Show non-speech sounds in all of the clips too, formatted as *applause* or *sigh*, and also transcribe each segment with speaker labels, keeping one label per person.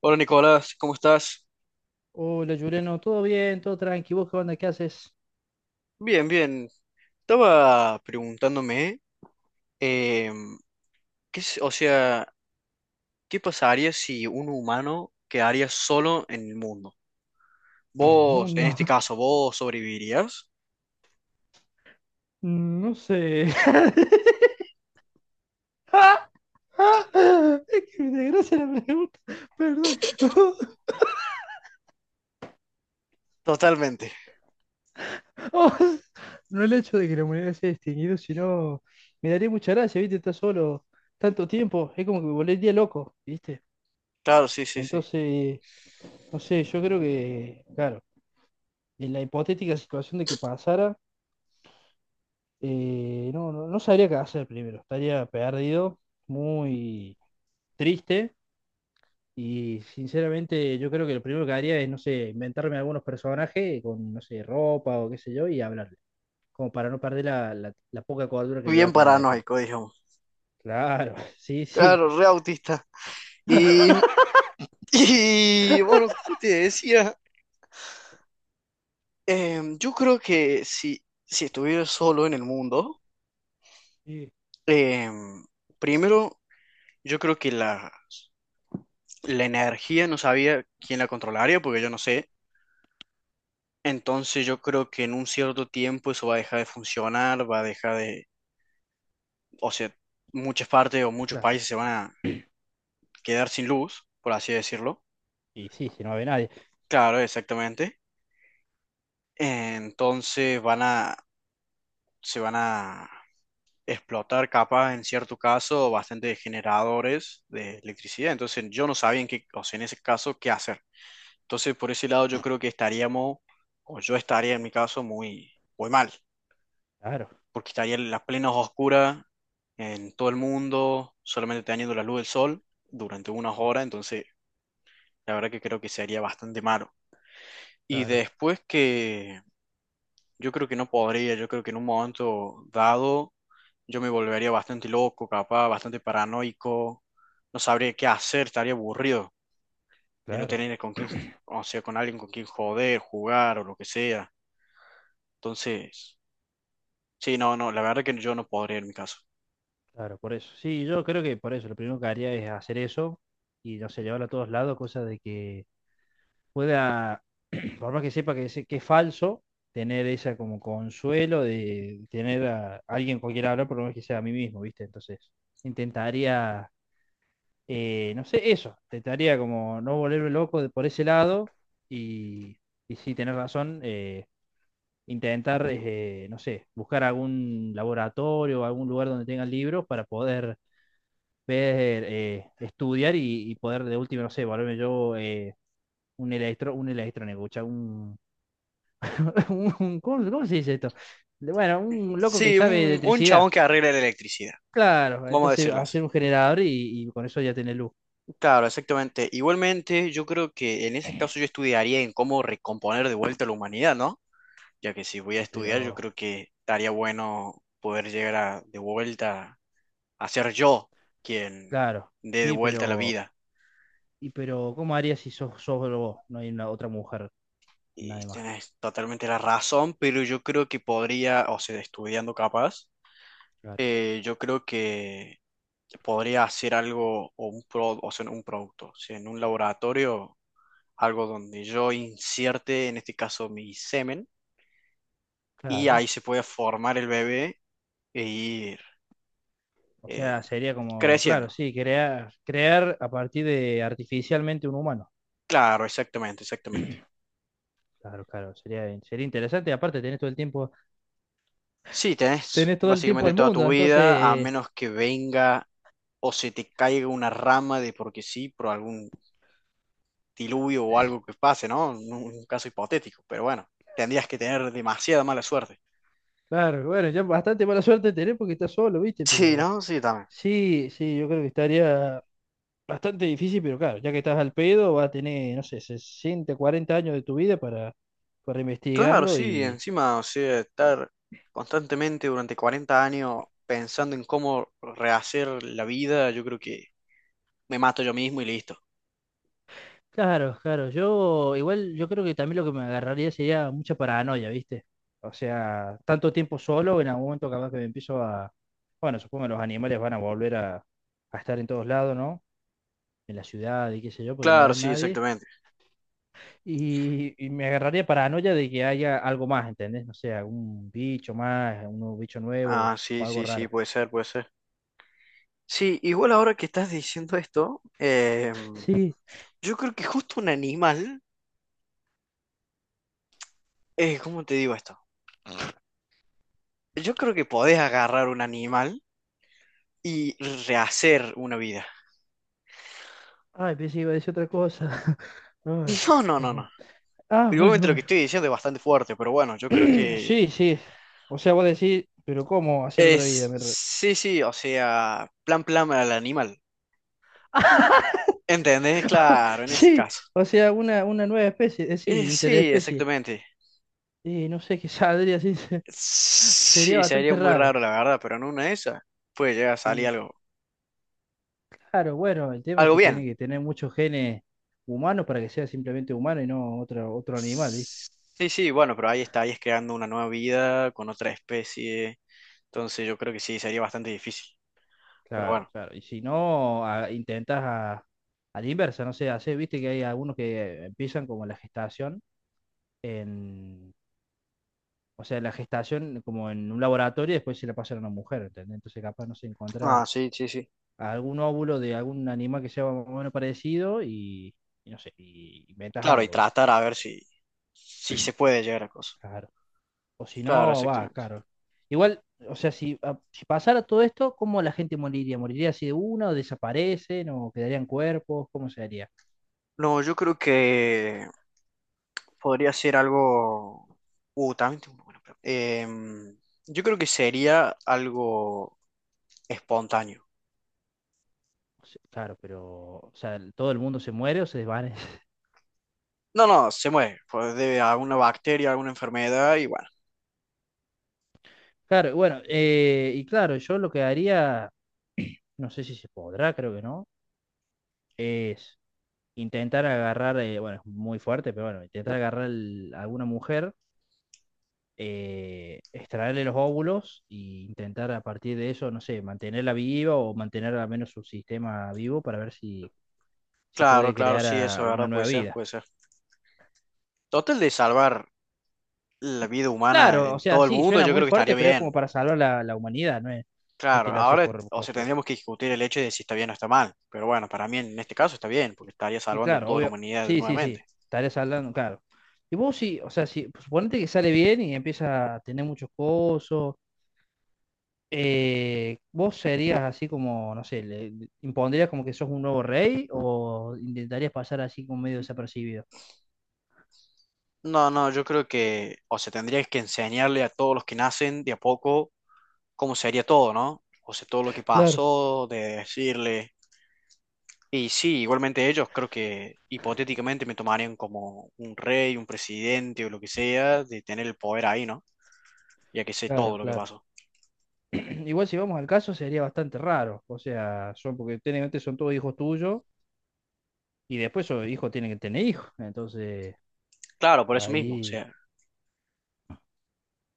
Speaker 1: Hola Nicolás, ¿cómo estás?
Speaker 2: Hola, Juliano, ¿todo bien? ¿Todo tranqui? ¿Vos qué onda? ¿Qué haces
Speaker 1: Bien, bien. Estaba preguntándome, em, o sea, ¿qué pasaría si un humano quedaría solo en el mundo?
Speaker 2: en el
Speaker 1: Vos, en
Speaker 2: mundo?
Speaker 1: este
Speaker 2: *laughs*
Speaker 1: caso, ¿vos sobrevivirías?
Speaker 2: No sé. *laughs* Es que me desgracia la pregunta. Perdón. *laughs*
Speaker 1: Totalmente.
Speaker 2: Oh, no el hecho de que la humanidad se haya extinguido, sino me daría mucha gracia, ¿viste? Estar solo tanto tiempo. Es como que me volvería loco, ¿viste?
Speaker 1: Claro, sí, sí, sí.
Speaker 2: Entonces, no sé, yo creo que, claro, en la hipotética situación de que pasara, no sabría qué hacer primero. Estaría perdido, muy triste y sinceramente yo creo que lo primero que haría es, no sé, inventarme algunos personajes con, no sé, ropa o qué sé yo y hablarle, como para no perder la poca cordura que me va
Speaker 1: Bien
Speaker 2: a quedar después.
Speaker 1: paranoico, digamos.
Speaker 2: Claro, *laughs* sí, sí,
Speaker 1: Claro, re autista. Y, *laughs* y bueno, como te decía, yo creo que si estuviera solo en el mundo,
Speaker 2: sí,
Speaker 1: em, primero, yo creo que la energía no sabía quién la controlaría, porque yo no sé. Entonces yo creo que en un cierto tiempo eso va a dejar de funcionar, va a dejar de, o sea, muchas partes o muchos
Speaker 2: claro.
Speaker 1: países se van a quedar sin luz, por así decirlo.
Speaker 2: Y sí, si no ve nadie.
Speaker 1: Claro, exactamente. Entonces se van a explotar capaz en cierto caso bastante generadores de electricidad. Entonces yo no sabía en qué, o sea, en ese caso qué hacer. Entonces por ese lado yo creo que estaríamos, o yo estaría en mi caso muy, muy mal.
Speaker 2: Claro,
Speaker 1: Porque estarían las plenas oscuras en todo el mundo, solamente teniendo la luz del sol durante unas horas, entonces la verdad que creo que sería bastante malo. Y
Speaker 2: claro,
Speaker 1: después que yo creo que no podría, yo creo que en un momento dado yo me volvería bastante loco, capaz, bastante paranoico, no sabría qué hacer, estaría aburrido de no
Speaker 2: claro,
Speaker 1: tener con quién, o sea, con alguien con quien joder, jugar o lo que sea. Entonces, sí, no, no, la verdad que yo no podría en mi caso.
Speaker 2: claro, por eso. Sí, yo creo que por eso, lo primero que haría es hacer eso y, no sé, llevarlo a todos lados, cosa de que pueda por más que sepa que, que es falso, tener esa como consuelo de tener a alguien con quien hablar, por lo menos que sea a mí mismo, ¿viste? Entonces, intentaría, no sé, eso, intentaría como no volverme loco por ese lado y, y sí, tener razón, intentar, no sé, buscar algún laboratorio o algún lugar donde tengan libros para poder ver, estudiar y poder de última, no sé, volverme yo un electro, un electrónico, un *laughs* ¿cómo, cómo se dice esto? Bueno, un loco que
Speaker 1: Sí,
Speaker 2: sabe de
Speaker 1: un
Speaker 2: electricidad.
Speaker 1: chabón que arregle la electricidad,
Speaker 2: Claro,
Speaker 1: vamos a
Speaker 2: entonces
Speaker 1: decirlo así.
Speaker 2: hacer un generador y con eso ya tenés luz.
Speaker 1: Claro, exactamente. Igualmente, yo creo que en ese caso yo estudiaría en cómo recomponer de vuelta la humanidad, ¿no? Ya que si voy a
Speaker 2: Y
Speaker 1: estudiar, yo
Speaker 2: pero,
Speaker 1: creo que estaría bueno poder llegar de vuelta a ser yo quien
Speaker 2: claro,
Speaker 1: dé de
Speaker 2: sí,
Speaker 1: vuelta la
Speaker 2: pero,
Speaker 1: vida.
Speaker 2: y pero, ¿cómo harías si sos, solo vos? No hay una otra mujer,
Speaker 1: Y
Speaker 2: nadie más.
Speaker 1: tenés totalmente la razón, pero yo creo que podría, o sea, estudiando capaz,
Speaker 2: Claro,
Speaker 1: yo creo que podría hacer algo o o sea, un producto, o sea, en un laboratorio algo donde yo incierte, en este caso, mi semen, y
Speaker 2: claro.
Speaker 1: ahí se puede formar el bebé e ir
Speaker 2: O
Speaker 1: eh,
Speaker 2: sea, sería como, claro,
Speaker 1: creciendo.
Speaker 2: sí, crear, crear a partir de artificialmente un humano.
Speaker 1: Claro, exactamente, exactamente.
Speaker 2: Claro, claro, sería, sería interesante. Aparte, tenés todo el tiempo,
Speaker 1: Sí, tenés
Speaker 2: tenés todo el tiempo
Speaker 1: básicamente
Speaker 2: del
Speaker 1: toda
Speaker 2: mundo,
Speaker 1: tu
Speaker 2: entonces
Speaker 1: vida, a
Speaker 2: eh.
Speaker 1: menos que venga o se te caiga una rama de porque sí, por algún diluvio o algo que pase, ¿no? Un caso hipotético, pero bueno, tendrías que tener demasiada mala suerte.
Speaker 2: Claro, bueno, ya bastante mala suerte tenés porque estás solo, ¿viste?
Speaker 1: Sí,
Speaker 2: Pero
Speaker 1: ¿no? Sí, también.
Speaker 2: sí, sí, yo creo que estaría bastante difícil, pero claro, ya que estás al pedo, vas a tener, no sé, 60, 40 años de tu vida para
Speaker 1: Claro,
Speaker 2: investigarlo
Speaker 1: sí,
Speaker 2: y...
Speaker 1: encima, o sea, estar constantemente durante 40 años pensando en cómo rehacer la vida, yo creo que me mato yo mismo y listo.
Speaker 2: Claro, claro. Yo igual yo creo que también lo que me agarraría sería mucha paranoia, ¿viste? O sea, tanto tiempo solo, en algún momento capaz que me empiezo a... Bueno, supongo que los animales van a volver a estar en todos lados, ¿no? En la ciudad y qué sé yo, porque no va a
Speaker 1: Claro,
Speaker 2: haber
Speaker 1: sí,
Speaker 2: nadie.
Speaker 1: exactamente.
Speaker 2: Y me agarraría paranoia de que haya algo más, ¿entendés? No sé, algún bicho más, un nuevo bicho nuevo
Speaker 1: Ah, sí,
Speaker 2: o algo
Speaker 1: sí, sí,
Speaker 2: raro.
Speaker 1: puede ser, puede ser. Sí, igual ahora que estás diciendo esto,
Speaker 2: Sí,
Speaker 1: yo creo que justo un animal, ¿cómo te digo esto? Yo creo que podés agarrar un animal y rehacer una vida.
Speaker 2: ay, pensé que iba a decir otra cosa. *laughs* Ay,
Speaker 1: *laughs* No, no, no, no.
Speaker 2: hermano. Ah,
Speaker 1: Igualmente
Speaker 2: bueno,
Speaker 1: lo que
Speaker 2: bueno.
Speaker 1: estoy diciendo es bastante fuerte, pero bueno, yo creo
Speaker 2: *clears throat*
Speaker 1: que
Speaker 2: Sí, sí. O sea, vos decís, pero ¿cómo hacer otra vida?
Speaker 1: es,
Speaker 2: Me re-
Speaker 1: sí, sí, o sea, plan al animal.
Speaker 2: *laughs*
Speaker 1: ¿Entendés? Claro, en ese
Speaker 2: Sí,
Speaker 1: caso.
Speaker 2: o sea, una nueva especie, sí,
Speaker 1: Sí,
Speaker 2: interespecie.
Speaker 1: exactamente.
Speaker 2: Y no sé qué saldría así, *laughs* sería
Speaker 1: Sí, sería
Speaker 2: bastante
Speaker 1: muy
Speaker 2: raro.
Speaker 1: raro, la verdad, pero en una de esas puede llegar a salir
Speaker 2: Y
Speaker 1: algo,
Speaker 2: claro, bueno, el tema es
Speaker 1: algo
Speaker 2: que tiene
Speaker 1: bien.
Speaker 2: que tener muchos genes humanos para que sea simplemente humano y no otro, otro animal, ¿viste?
Speaker 1: Sí, sí, bueno, pero ahí está, ahí es creando una nueva vida con otra especie. Entonces yo creo que sí, sería bastante difícil. Pero
Speaker 2: Claro,
Speaker 1: bueno.
Speaker 2: claro. Y si no, intentas a la inversa, no sé, hacer, viste que hay algunos que empiezan como la gestación en, o sea, la gestación como en un laboratorio y después se la pasan a una mujer, ¿entendés? Entonces capaz no se
Speaker 1: Ah,
Speaker 2: encuentra
Speaker 1: sí, sí, sí.
Speaker 2: algún óvulo de algún animal que sea más o menos parecido y no sé, y inventas
Speaker 1: Claro, y
Speaker 2: algo, ¿viste?
Speaker 1: tratar a ver si se puede llegar a cosas.
Speaker 2: Claro. O si
Speaker 1: Claro,
Speaker 2: no, va,
Speaker 1: exactamente.
Speaker 2: claro. Igual, o sea, si, si pasara todo esto, ¿cómo la gente moriría? ¿Moriría así de una o desaparecen o quedarían cuerpos? ¿Cómo se haría?
Speaker 1: No, yo creo que podría ser algo. También tengo una pregunta. Yo creo que sería algo espontáneo.
Speaker 2: O sea, claro, pero, o sea, todo el mundo se muere o se desvanece. *laughs*
Speaker 1: No, no, se muere. Pues debe a alguna bacteria, alguna enfermedad y bueno.
Speaker 2: Claro, bueno, y claro, yo lo que haría, no sé si se podrá, creo que no, es intentar agarrar, bueno, es muy fuerte, pero bueno, intentar agarrar a alguna mujer extraerle los óvulos e intentar a partir de eso, no sé, mantenerla viva o mantener al menos su sistema vivo para ver si, si
Speaker 1: Claro,
Speaker 2: puede
Speaker 1: claro,
Speaker 2: crear
Speaker 1: sí, eso
Speaker 2: a
Speaker 1: es
Speaker 2: una
Speaker 1: verdad, puede
Speaker 2: nueva
Speaker 1: ser,
Speaker 2: vida.
Speaker 1: puede ser. Total de salvar la vida humana
Speaker 2: Claro, o
Speaker 1: en
Speaker 2: sea,
Speaker 1: todo el
Speaker 2: sí,
Speaker 1: mundo,
Speaker 2: suena
Speaker 1: yo
Speaker 2: muy
Speaker 1: creo que estaría
Speaker 2: fuerte, pero es como
Speaker 1: bien.
Speaker 2: para salvar la humanidad, no es, no es que
Speaker 1: Claro,
Speaker 2: lo haces
Speaker 1: ahora,
Speaker 2: por
Speaker 1: o sea,
Speaker 2: cosas.
Speaker 1: tendríamos que discutir el hecho de si está bien o está mal. Pero bueno, para mí en este caso está bien, porque estaría
Speaker 2: Y
Speaker 1: salvando
Speaker 2: claro,
Speaker 1: toda la
Speaker 2: obvio,
Speaker 1: humanidad
Speaker 2: sí, sí,
Speaker 1: nuevamente.
Speaker 2: sí, estaré saldando, claro. Y vos sí, o sea, si suponete que sale bien y empieza a tener muchos cosos, ¿vos serías así como, no sé, le, impondrías como que sos un nuevo rey o intentarías pasar así como medio desapercibido?
Speaker 1: No, no, yo creo que, o sea, tendrías que enseñarle a todos los que nacen de a poco cómo sería todo, ¿no? O sea, todo lo que
Speaker 2: Claro.
Speaker 1: pasó, de decirle. Y sí, igualmente ellos creo que hipotéticamente me tomarían como un rey, un presidente o lo que sea, de tener el poder ahí, ¿no? Ya que sé todo
Speaker 2: Claro,
Speaker 1: lo que
Speaker 2: claro.
Speaker 1: pasó.
Speaker 2: *clears throat* Igual si vamos al caso sería bastante raro, o sea, son porque técnicamente son todos hijos tuyos y después esos hijos tienen que tener hijos, entonces
Speaker 1: Claro, por eso mismo, o
Speaker 2: ahí
Speaker 1: sea.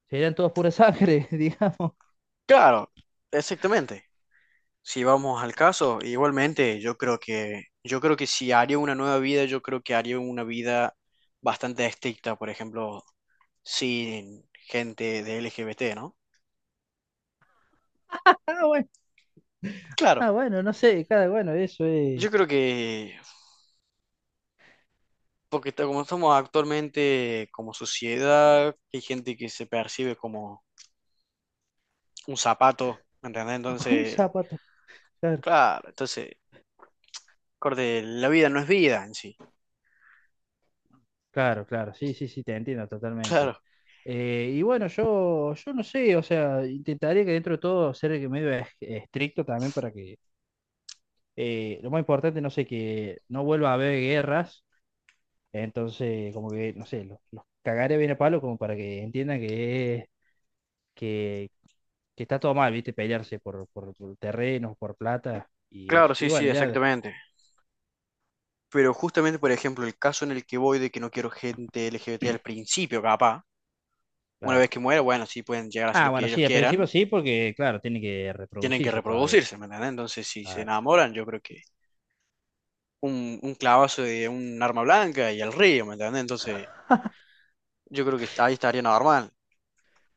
Speaker 2: serían todos pura sangre, *laughs* digamos.
Speaker 1: Claro, exactamente. Si vamos al caso, igualmente yo creo que si haría una nueva vida, yo creo que haría una vida bastante estricta, por ejemplo, sin gente de LGBT, ¿no?
Speaker 2: Ah, bueno,
Speaker 1: Claro,
Speaker 2: ah, bueno, no sé, cada bueno, eso es
Speaker 1: yo creo que como estamos actualmente como sociedad, hay gente que se percibe como un zapato, ¿me ¿entendés?
Speaker 2: *laughs* un
Speaker 1: Entonces,
Speaker 2: zapato. Claro.
Speaker 1: claro, entonces, corte, la vida no es vida en sí.
Speaker 2: Claro, claro, sí, sí, sí, te entiendo totalmente.
Speaker 1: Claro,
Speaker 2: Y bueno, yo no sé, o sea, intentaría que dentro de todo ser medio estricto también para que lo más importante, no sé, que no vuelva a haber guerras, entonces como que, no sé, los cagaré bien a palo como para que entiendan que, que, que está todo mal, ¿viste? Pelearse por terrenos, por plata y
Speaker 1: claro,
Speaker 2: eso. Y
Speaker 1: sí, sí,
Speaker 2: bueno, ya,
Speaker 1: exactamente. Pero justamente, por ejemplo, el caso en el que voy de que no quiero gente LGBT al principio, capaz, una
Speaker 2: claro.
Speaker 1: vez que muera, bueno, sí pueden llegar a hacer
Speaker 2: Ah,
Speaker 1: lo
Speaker 2: bueno,
Speaker 1: que ellos
Speaker 2: sí, al principio
Speaker 1: quieran,
Speaker 2: sí, porque claro, tiene que
Speaker 1: tienen que
Speaker 2: reproducirse todavía.
Speaker 1: reproducirse, ¿me entendés? Entonces, si se
Speaker 2: Claro.
Speaker 1: enamoran, yo creo que un clavazo de un arma blanca y al río, ¿me entendés? Entonces, yo creo que ahí estaría normal.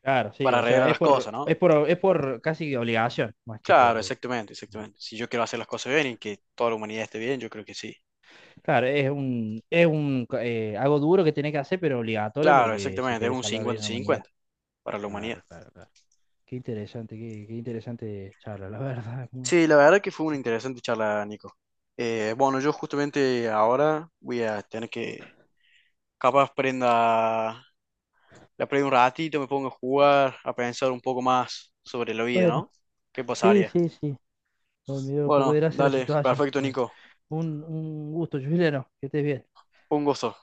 Speaker 2: Claro, sí,
Speaker 1: Para
Speaker 2: o sea,
Speaker 1: arreglar las cosas, ¿no?
Speaker 2: es por casi obligación, más que
Speaker 1: Claro,
Speaker 2: por...
Speaker 1: exactamente, exactamente. Si yo quiero hacer las cosas bien y que toda la humanidad esté bien, yo creo que sí.
Speaker 2: Claro, es un, algo duro que tenés que hacer, pero obligatorio
Speaker 1: Claro,
Speaker 2: porque si
Speaker 1: exactamente, es
Speaker 2: quieres
Speaker 1: un
Speaker 2: salvar bien a la humanidad.
Speaker 1: 50-50 para la humanidad.
Speaker 2: Claro, claro, claro. Qué interesante, qué, qué interesante charla, la *laughs* verdad. Es muy-
Speaker 1: Sí, la verdad que fue una interesante charla, Nico. Bueno, yo justamente ahora voy a tener que, capaz prenda, la prendo un ratito, me pongo a jugar, a pensar un poco más sobre la vida, ¿no?
Speaker 2: Bueno,
Speaker 1: ¿Qué
Speaker 2: sí,
Speaker 1: pasaría?
Speaker 2: sí, sí. Bueno, me dio un poco de
Speaker 1: Bueno,
Speaker 2: gracia la
Speaker 1: dale,
Speaker 2: situación.
Speaker 1: perfecto,
Speaker 2: Bueno,
Speaker 1: Nico.
Speaker 2: un gusto, Juliano, que estés bien.
Speaker 1: Un gusto.